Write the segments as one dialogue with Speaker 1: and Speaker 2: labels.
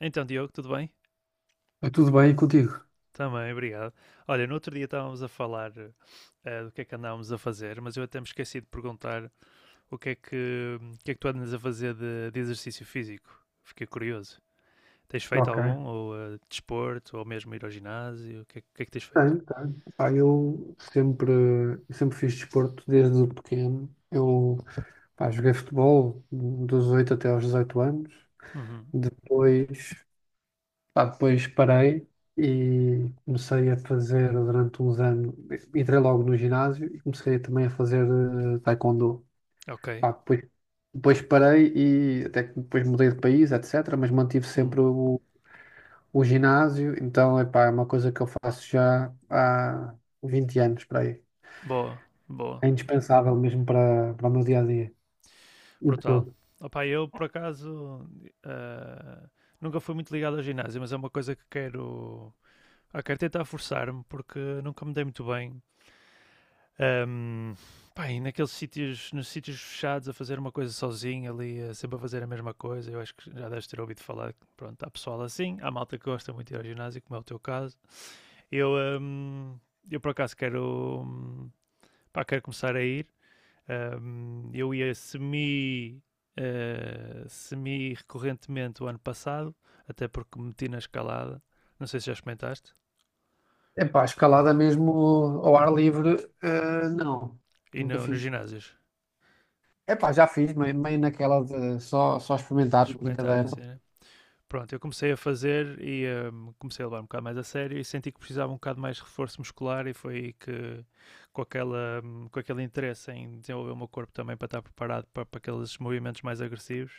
Speaker 1: Então, Diogo, tudo bem?
Speaker 2: É tudo bem contigo?
Speaker 1: Também, obrigado. Olha, no outro dia estávamos a falar do que é que andávamos a fazer, mas eu até me esqueci de perguntar o que é que tu andas a fazer de exercício físico. Fiquei curioso. Tens feito
Speaker 2: Ok.
Speaker 1: algum? Ou desporto? Ou mesmo ir ao ginásio? O que é que tens feito?
Speaker 2: Tenho, tenho. Pá, eu sempre fiz desporto desde pequeno. Eu, pá, joguei futebol dos 8 até aos 18 anos.
Speaker 1: Uhum.
Speaker 2: Depois, Pá, depois parei e comecei a fazer durante uns anos. Entrei logo no ginásio e comecei também a fazer taekwondo.
Speaker 1: Ok.
Speaker 2: Pá, depois parei e até que depois mudei de país, etc. Mas mantive
Speaker 1: Hum.
Speaker 2: sempre o ginásio, então, epá, é uma coisa que eu faço já há 20 anos para aí.
Speaker 1: Boa, boa.
Speaker 2: É indispensável mesmo para o meu dia a dia. E
Speaker 1: Brutal.
Speaker 2: tudo.
Speaker 1: Opa, eu por acaso eh, nunca fui muito ligado ao ginásio, mas é uma coisa que quero. Ah, quero tentar forçar-me porque nunca me dei muito bem. Ahm, Pá, e naqueles sítios, nos sítios fechados, a fazer uma coisa sozinho ali, a sempre a fazer a mesma coisa, eu acho que já deves ter ouvido falar, que, pronto, há pessoal assim, há malta que gosta muito de ir ao ginásio, como é o teu caso. Eu, ahm, eu por acaso pá, quero começar a ir. Eu ia semi recorrentemente o ano passado, até porque meti na escalada, não sei se já experimentaste,
Speaker 2: Epá, escalada mesmo ao ar livre, não,
Speaker 1: e no,
Speaker 2: nunca
Speaker 1: nos
Speaker 2: fiz.
Speaker 1: ginásios,
Speaker 2: Epá, já fiz, meio naquela de só
Speaker 1: de
Speaker 2: experimentar,
Speaker 1: experimentar
Speaker 2: brincadeira.
Speaker 1: assim, né? Pronto, eu comecei a fazer e comecei a levar um bocado mais a sério e senti que precisava um bocado mais de reforço muscular e foi aí que com aquele interesse em desenvolver o meu corpo também para estar preparado para aqueles movimentos mais agressivos.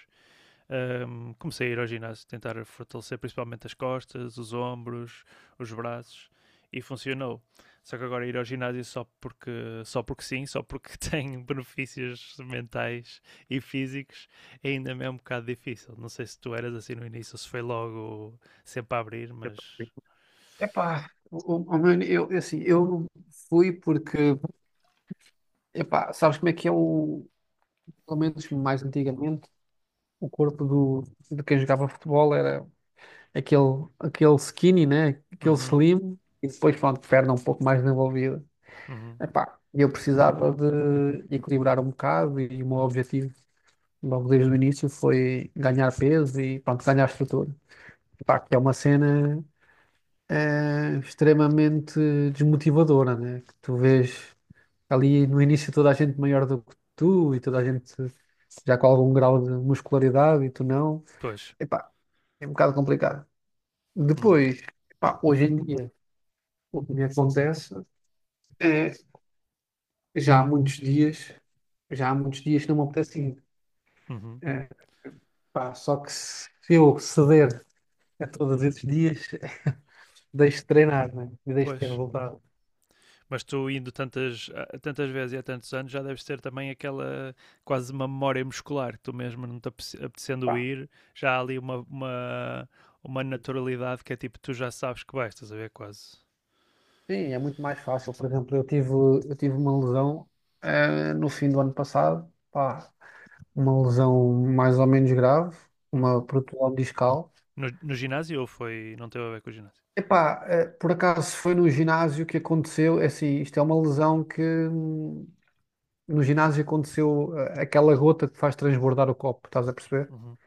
Speaker 1: Comecei a ir ao ginásio, tentar fortalecer principalmente as costas, os ombros, os braços, e funcionou. Só que agora ir ao ginásio só porque sim, só porque tem benefícios mentais e físicos, ainda me é um bocado difícil. Não sei se tu eras assim no início, ou se foi logo sempre a abrir, mas.
Speaker 2: Epá, assim, eu fui porque, epá, sabes como é que é o, pelo menos mais antigamente, o corpo de quem jogava futebol era aquele skinny, né? Aquele
Speaker 1: Uhum,
Speaker 2: slim, e depois, pronto, perna um pouco mais desenvolvida.
Speaker 1: uhum.
Speaker 2: Epá, eu precisava de equilibrar um bocado e o meu objetivo, logo desde o início, foi ganhar peso e, pronto, ganhar estrutura. Epá, que é uma cena extremamente desmotivadora, né? Que tu vês ali no início toda a gente maior do que tu e toda a gente já com algum grau de muscularidade e tu não.
Speaker 1: Pois.
Speaker 2: Epá, é um bocado complicado.
Speaker 1: Hum,
Speaker 2: Depois, epá, hoje em dia. O que me acontece é, já há muitos dias, já há muitos dias que não me apetece ir.
Speaker 1: uhum.
Speaker 2: É, pá, só que se eu ceder a todos esses dias, deixo de treinar, né? E deixo de ter
Speaker 1: Pois.
Speaker 2: resultado.
Speaker 1: Mas tu indo tantas vezes e há tantos anos já deves ter também aquela quase uma memória muscular, tu mesmo não te apetecendo
Speaker 2: Pá,
Speaker 1: ir, já há ali uma, naturalidade que é tipo, tu já sabes que vais, estás a ver quase.
Speaker 2: sim, é muito mais fácil. Por exemplo, eu tive uma lesão, no fim do ano passado, pá, uma lesão mais ou menos grave,
Speaker 1: Uhum.
Speaker 2: uma protusão discal.
Speaker 1: No ginásio ou foi, não teve a ver com o ginásio?
Speaker 2: Epá, por acaso foi no ginásio que aconteceu, é assim, isto é uma lesão que no ginásio aconteceu aquela gota que faz transbordar o copo, estás a perceber?
Speaker 1: Uhum.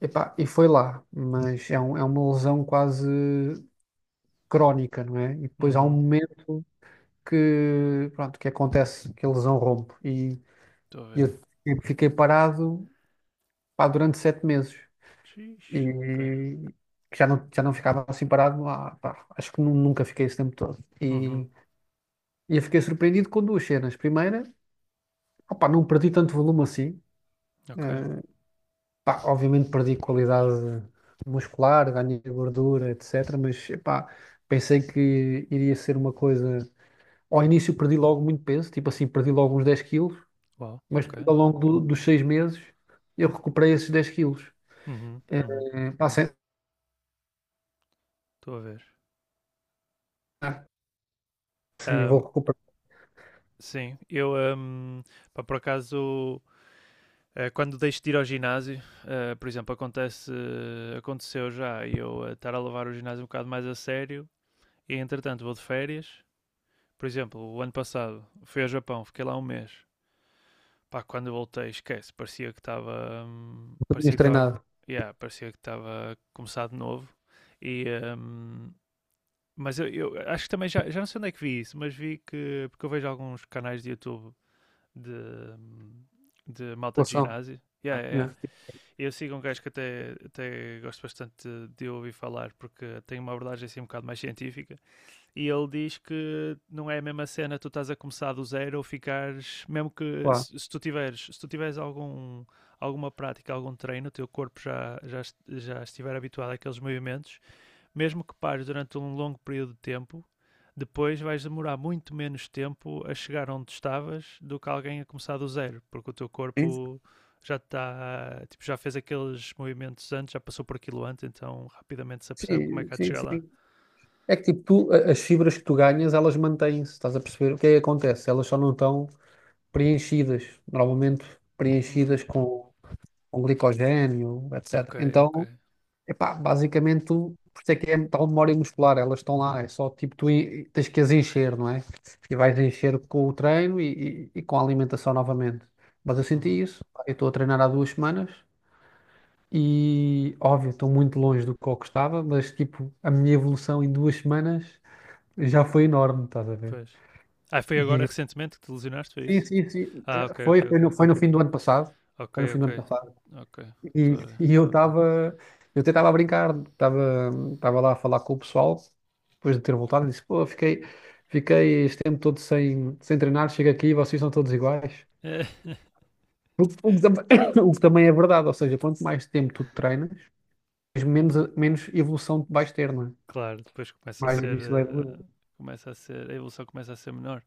Speaker 2: Epá, e foi lá, mas é, é uma lesão quase crónica, não é? E depois há um
Speaker 1: Uhum.
Speaker 2: momento que, pronto, que acontece que a lesão rompe e
Speaker 1: Estou a
Speaker 2: eu
Speaker 1: ver.
Speaker 2: fiquei parado, pá, durante 7 meses
Speaker 1: Xis. Ok.
Speaker 2: e já não ficava assim parado, lá, pá, acho que nunca fiquei esse tempo todo.
Speaker 1: Uhum.
Speaker 2: E eu fiquei surpreendido com duas cenas. Primeira, opá, não perdi tanto volume assim.
Speaker 1: Ok.
Speaker 2: eh, Pá, obviamente perdi qualidade muscular, ganhei gordura, etc. Mas epá, pensei que iria ser uma coisa. Ao início perdi logo muito peso, tipo assim, perdi logo uns 10 quilos,
Speaker 1: Uau.
Speaker 2: mas
Speaker 1: Ok.
Speaker 2: depois, ao longo dos 6 meses eu recuperei esses 10 quilos.
Speaker 1: Uhum. Uhum.
Speaker 2: É, pá, sem...
Speaker 1: Estou a ver.
Speaker 2: E vou
Speaker 1: Ahm,
Speaker 2: recuperar
Speaker 1: sim, eu, pá, por acaso, quando deixo de ir ao ginásio, por exemplo, aconteceu já eu estar a levar o ginásio um bocado mais a sério e entretanto vou de férias. Por exemplo, o ano passado fui ao Japão, fiquei lá um mês. Pá, quando voltei, esquece,
Speaker 2: o que tinhas
Speaker 1: parecia que estava,
Speaker 2: treinado.
Speaker 1: yeah, parecia que estava a começar de novo. E, hum, mas eu, acho que também já não sei onde é que vi isso, mas vi que, porque eu vejo alguns canais de YouTube de, hum, de malta de
Speaker 2: Relação.
Speaker 1: ginásio. Yeah, yeah, yeah.
Speaker 2: Yeah.
Speaker 1: Eu sigo um gajo que até gosto bastante de ouvir falar, porque tem uma abordagem assim um bocado mais científica. E ele diz que não é a mesma cena tu estás a começar do zero ou ficares, mesmo que
Speaker 2: Claro.
Speaker 1: se tu tiveres, alguma prática, algum treino, o teu corpo já estiver habituado àqueles movimentos, mesmo que pares durante um longo período de tempo, depois vais demorar muito menos tempo a chegar onde estavas do que alguém a começar do zero, porque o teu
Speaker 2: Sim,
Speaker 1: corpo já está, tipo, já fez aqueles movimentos antes, já passou por aquilo antes, então rapidamente se apercebe como é
Speaker 2: sim,
Speaker 1: que há de
Speaker 2: sim.
Speaker 1: chegar lá.
Speaker 2: Sim. É que tipo, tu, as fibras que tu ganhas, elas mantêm-se, estás a perceber? O que é que acontece? Elas só não estão preenchidas, normalmente
Speaker 1: Hum,
Speaker 2: preenchidas com glicogênio,
Speaker 1: Ok,
Speaker 2: etc.
Speaker 1: ok.
Speaker 2: Então, epá, basicamente, por isso é que é tal memória muscular, elas estão lá, é só tipo tens que as encher, não é? E vais encher com o treino e com a alimentação novamente. Mas eu senti
Speaker 1: Uhum,
Speaker 2: isso, pá, eu estou a treinar há 2 semanas. E, óbvio, estou muito longe do que eu gostava, mas, tipo, a minha evolução em 2 semanas já foi enorme, estás a ver?
Speaker 1: pois. Ah, foi agora
Speaker 2: E
Speaker 1: recentemente que te lesionaste, foi
Speaker 2: Sim,
Speaker 1: isso?
Speaker 2: sim, sim.
Speaker 1: Ah, ok,
Speaker 2: Foi,
Speaker 1: ok,
Speaker 2: foi no,
Speaker 1: ok.
Speaker 2: foi no fim do ano passado.
Speaker 1: Ok,
Speaker 2: Foi no fim
Speaker 1: ok,
Speaker 2: do ano passado.
Speaker 1: ok. Estou
Speaker 2: E,
Speaker 1: a ver.
Speaker 2: e eu estava, eu até estava a brincar, estava lá a falar com o pessoal, depois de ter voltado, e disse, pô, fiquei este tempo todo sem treinar, chego aqui e vocês são todos iguais.
Speaker 1: É,
Speaker 2: O, que o que tam- o que também é verdade, ou seja, quanto mais tempo tu treinas, menos evolução vais ter, não é?
Speaker 1: claro, depois começa a
Speaker 2: Mais
Speaker 1: ser.
Speaker 2: difícil é evoluir.
Speaker 1: Eh, começa a ser. a evolução começa a ser menor.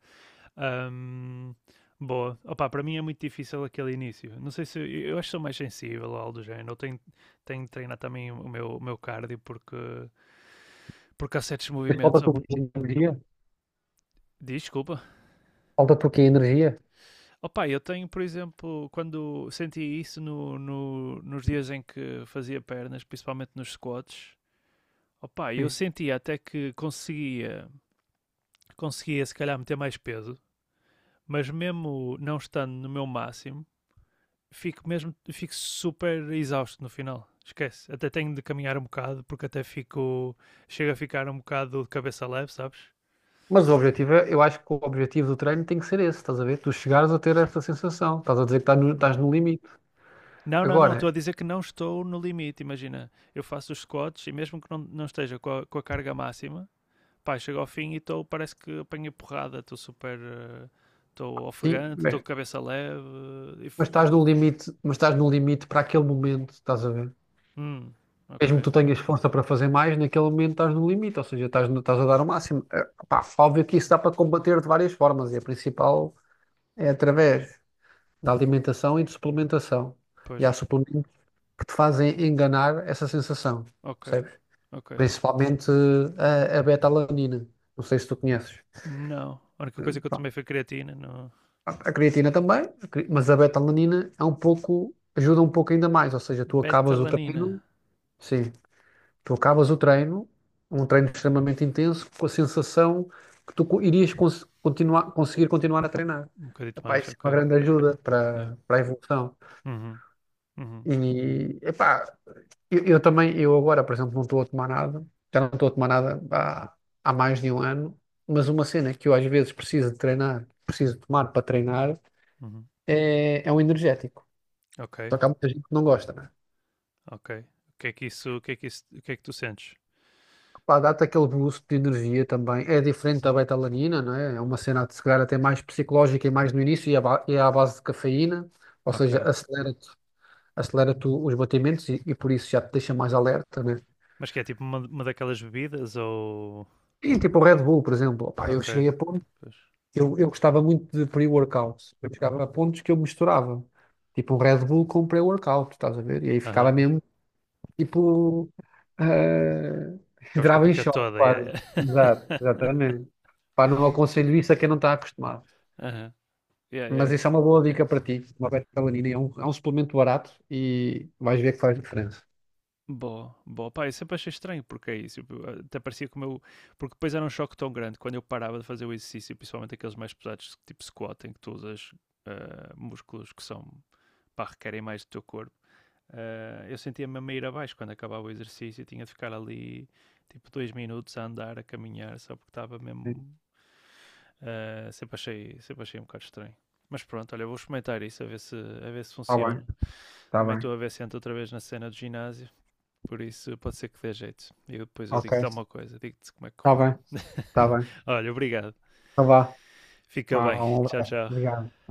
Speaker 1: Ahm, Boa. Opa, para mim é muito difícil aquele início. Não sei se eu acho que sou mais sensível ou algo do género. Eu tenho de treinar também o meu, cardio, porque há certos
Speaker 2: Mas
Speaker 1: movimentos.
Speaker 2: falta-te o quê? Energia?
Speaker 1: Desculpa.
Speaker 2: Falta-te o quê? Energia?
Speaker 1: Opa, eu tenho, por exemplo, quando senti isso nos dias em que fazia pernas, principalmente nos squats, opa, eu sentia até que conseguia se calhar meter mais peso, mas mesmo não estando no meu máximo fico super exausto no final. Esquece. Até tenho de caminhar um bocado porque até fico. Chego a ficar um bocado de cabeça leve, sabes?
Speaker 2: Mas o objetivo é, eu acho que o objetivo do treino tem que ser esse, estás a ver? Tu chegares a ter essa sensação, estás a dizer que estás no,
Speaker 1: Hum.
Speaker 2: estás no limite.
Speaker 1: Não, não, não. Estou
Speaker 2: Agora,
Speaker 1: a dizer que não estou no limite. Imagina, eu faço os squats e mesmo que não esteja com a, carga máxima, pá, chego ao fim e estou. Parece que apanhei porrada. Estou super. Estou
Speaker 2: sim,
Speaker 1: ofegante, estou com
Speaker 2: mas,
Speaker 1: cabeça leve. eh, e f-
Speaker 2: mas estás no limite, mas estás no limite para aquele momento, estás a ver?
Speaker 1: Hum, ok.
Speaker 2: Mesmo que tu tenhas força para fazer mais, naquele momento estás no limite, ou seja, estás, no- estás a dar o máximo. É, Pá, óbvio que isso dá para combater de várias formas, e a principal é através da alimentação e de suplementação. E
Speaker 1: Pois,
Speaker 2: há suplementos que te fazem enganar essa sensação,
Speaker 1: ok,
Speaker 2: percebes?
Speaker 1: ok.
Speaker 2: Principalmente a beta-alanina. Não sei se tu conheces.
Speaker 1: Não. A única coisa que eu
Speaker 2: Pronto.
Speaker 1: tomei foi creatina. Não,
Speaker 2: A creatina também, mas a beta-alanina é um pouco, ajuda um pouco ainda mais. Ou seja, tu acabas o
Speaker 1: betalanina.
Speaker 2: treino, sim, tu acabas o treino, um treino extremamente intenso, com a sensação que tu irias conseguir continuar a treinar.
Speaker 1: Um bocadito
Speaker 2: Epá,
Speaker 1: mais,
Speaker 2: isso é uma
Speaker 1: ok.
Speaker 2: grande ajuda
Speaker 1: Yeah.
Speaker 2: para a evolução.
Speaker 1: Uhum, uhum,
Speaker 2: E, epá, Eu também, eu agora, por exemplo, não estou a tomar nada, já não estou a tomar nada há, há mais de um ano, mas uma cena que eu às vezes preciso de treinar, preciso tomar para treinar,
Speaker 1: uhum.
Speaker 2: é um energético.
Speaker 1: Ok,
Speaker 2: Só que há muita gente que não gosta, né?
Speaker 1: ok. O que é que tu sentes?
Speaker 2: Pá, dá-te aquele boost de energia também. É diferente da betalanina, não é? É uma cena de se calhar até mais psicológica e mais no início, e é à base de cafeína, ou
Speaker 1: Ok.
Speaker 2: seja, acelera-te os batimentos e por isso já te deixa mais alerta, né?
Speaker 1: Mas que é tipo uma daquelas bebidas ou.
Speaker 2: E tipo o Red Bull, por exemplo. Opá, eu
Speaker 1: Ok,
Speaker 2: cheguei a pôr
Speaker 1: pois.
Speaker 2: Eu gostava muito de pre-workout. Eu chegava a pontos que eu misturava. Tipo um Red Bull com um pre-workout, estás a ver? E aí
Speaker 1: Aham.
Speaker 2: ficava
Speaker 1: Uhum.
Speaker 2: mesmo, tipo, eh,
Speaker 1: Que é os com a
Speaker 2: entrava em
Speaker 1: pica
Speaker 2: choque
Speaker 1: toda, yeah,
Speaker 2: quase.
Speaker 1: yeah.
Speaker 2: Exato, exatamente. Pá, não aconselho isso a quem não está acostumado.
Speaker 1: Aham. Yeah, yeah,
Speaker 2: Mas
Speaker 1: yeah.
Speaker 2: isso é uma boa dica para ti. Uma beta-alanina é um, suplemento barato e vais ver que faz diferença.
Speaker 1: Boa, boa. Pá, eu sempre achei estranho porque é isso. Até parecia como eu. Porque depois era um choque tão grande quando eu parava de fazer o exercício, principalmente aqueles mais pesados, tipo squat, em que tu usas músculos que são. Pá, requerem mais do teu corpo. Eu sentia-me a meio abaixo quando acabava o exercício, tinha de ficar ali tipo 2 minutos a andar, a caminhar, só porque estava mesmo. Sempre achei um bocado estranho. Mas pronto, olha, vou experimentar isso a ver se
Speaker 2: Está bem,
Speaker 1: funciona.
Speaker 2: está
Speaker 1: Também
Speaker 2: bem.
Speaker 1: estou a ver se entro outra vez na cena do ginásio, por isso pode ser que dê jeito. E depois eu
Speaker 2: Ok,
Speaker 1: digo-te alguma coisa, digo-te como é que
Speaker 2: está
Speaker 1: correu.
Speaker 2: bem, está bem.
Speaker 1: Olha, obrigado.
Speaker 2: Então vá.
Speaker 1: Fica bem.
Speaker 2: Ah, um
Speaker 1: Tchau,
Speaker 2: abraço.
Speaker 1: tchau.
Speaker 2: Obrigado.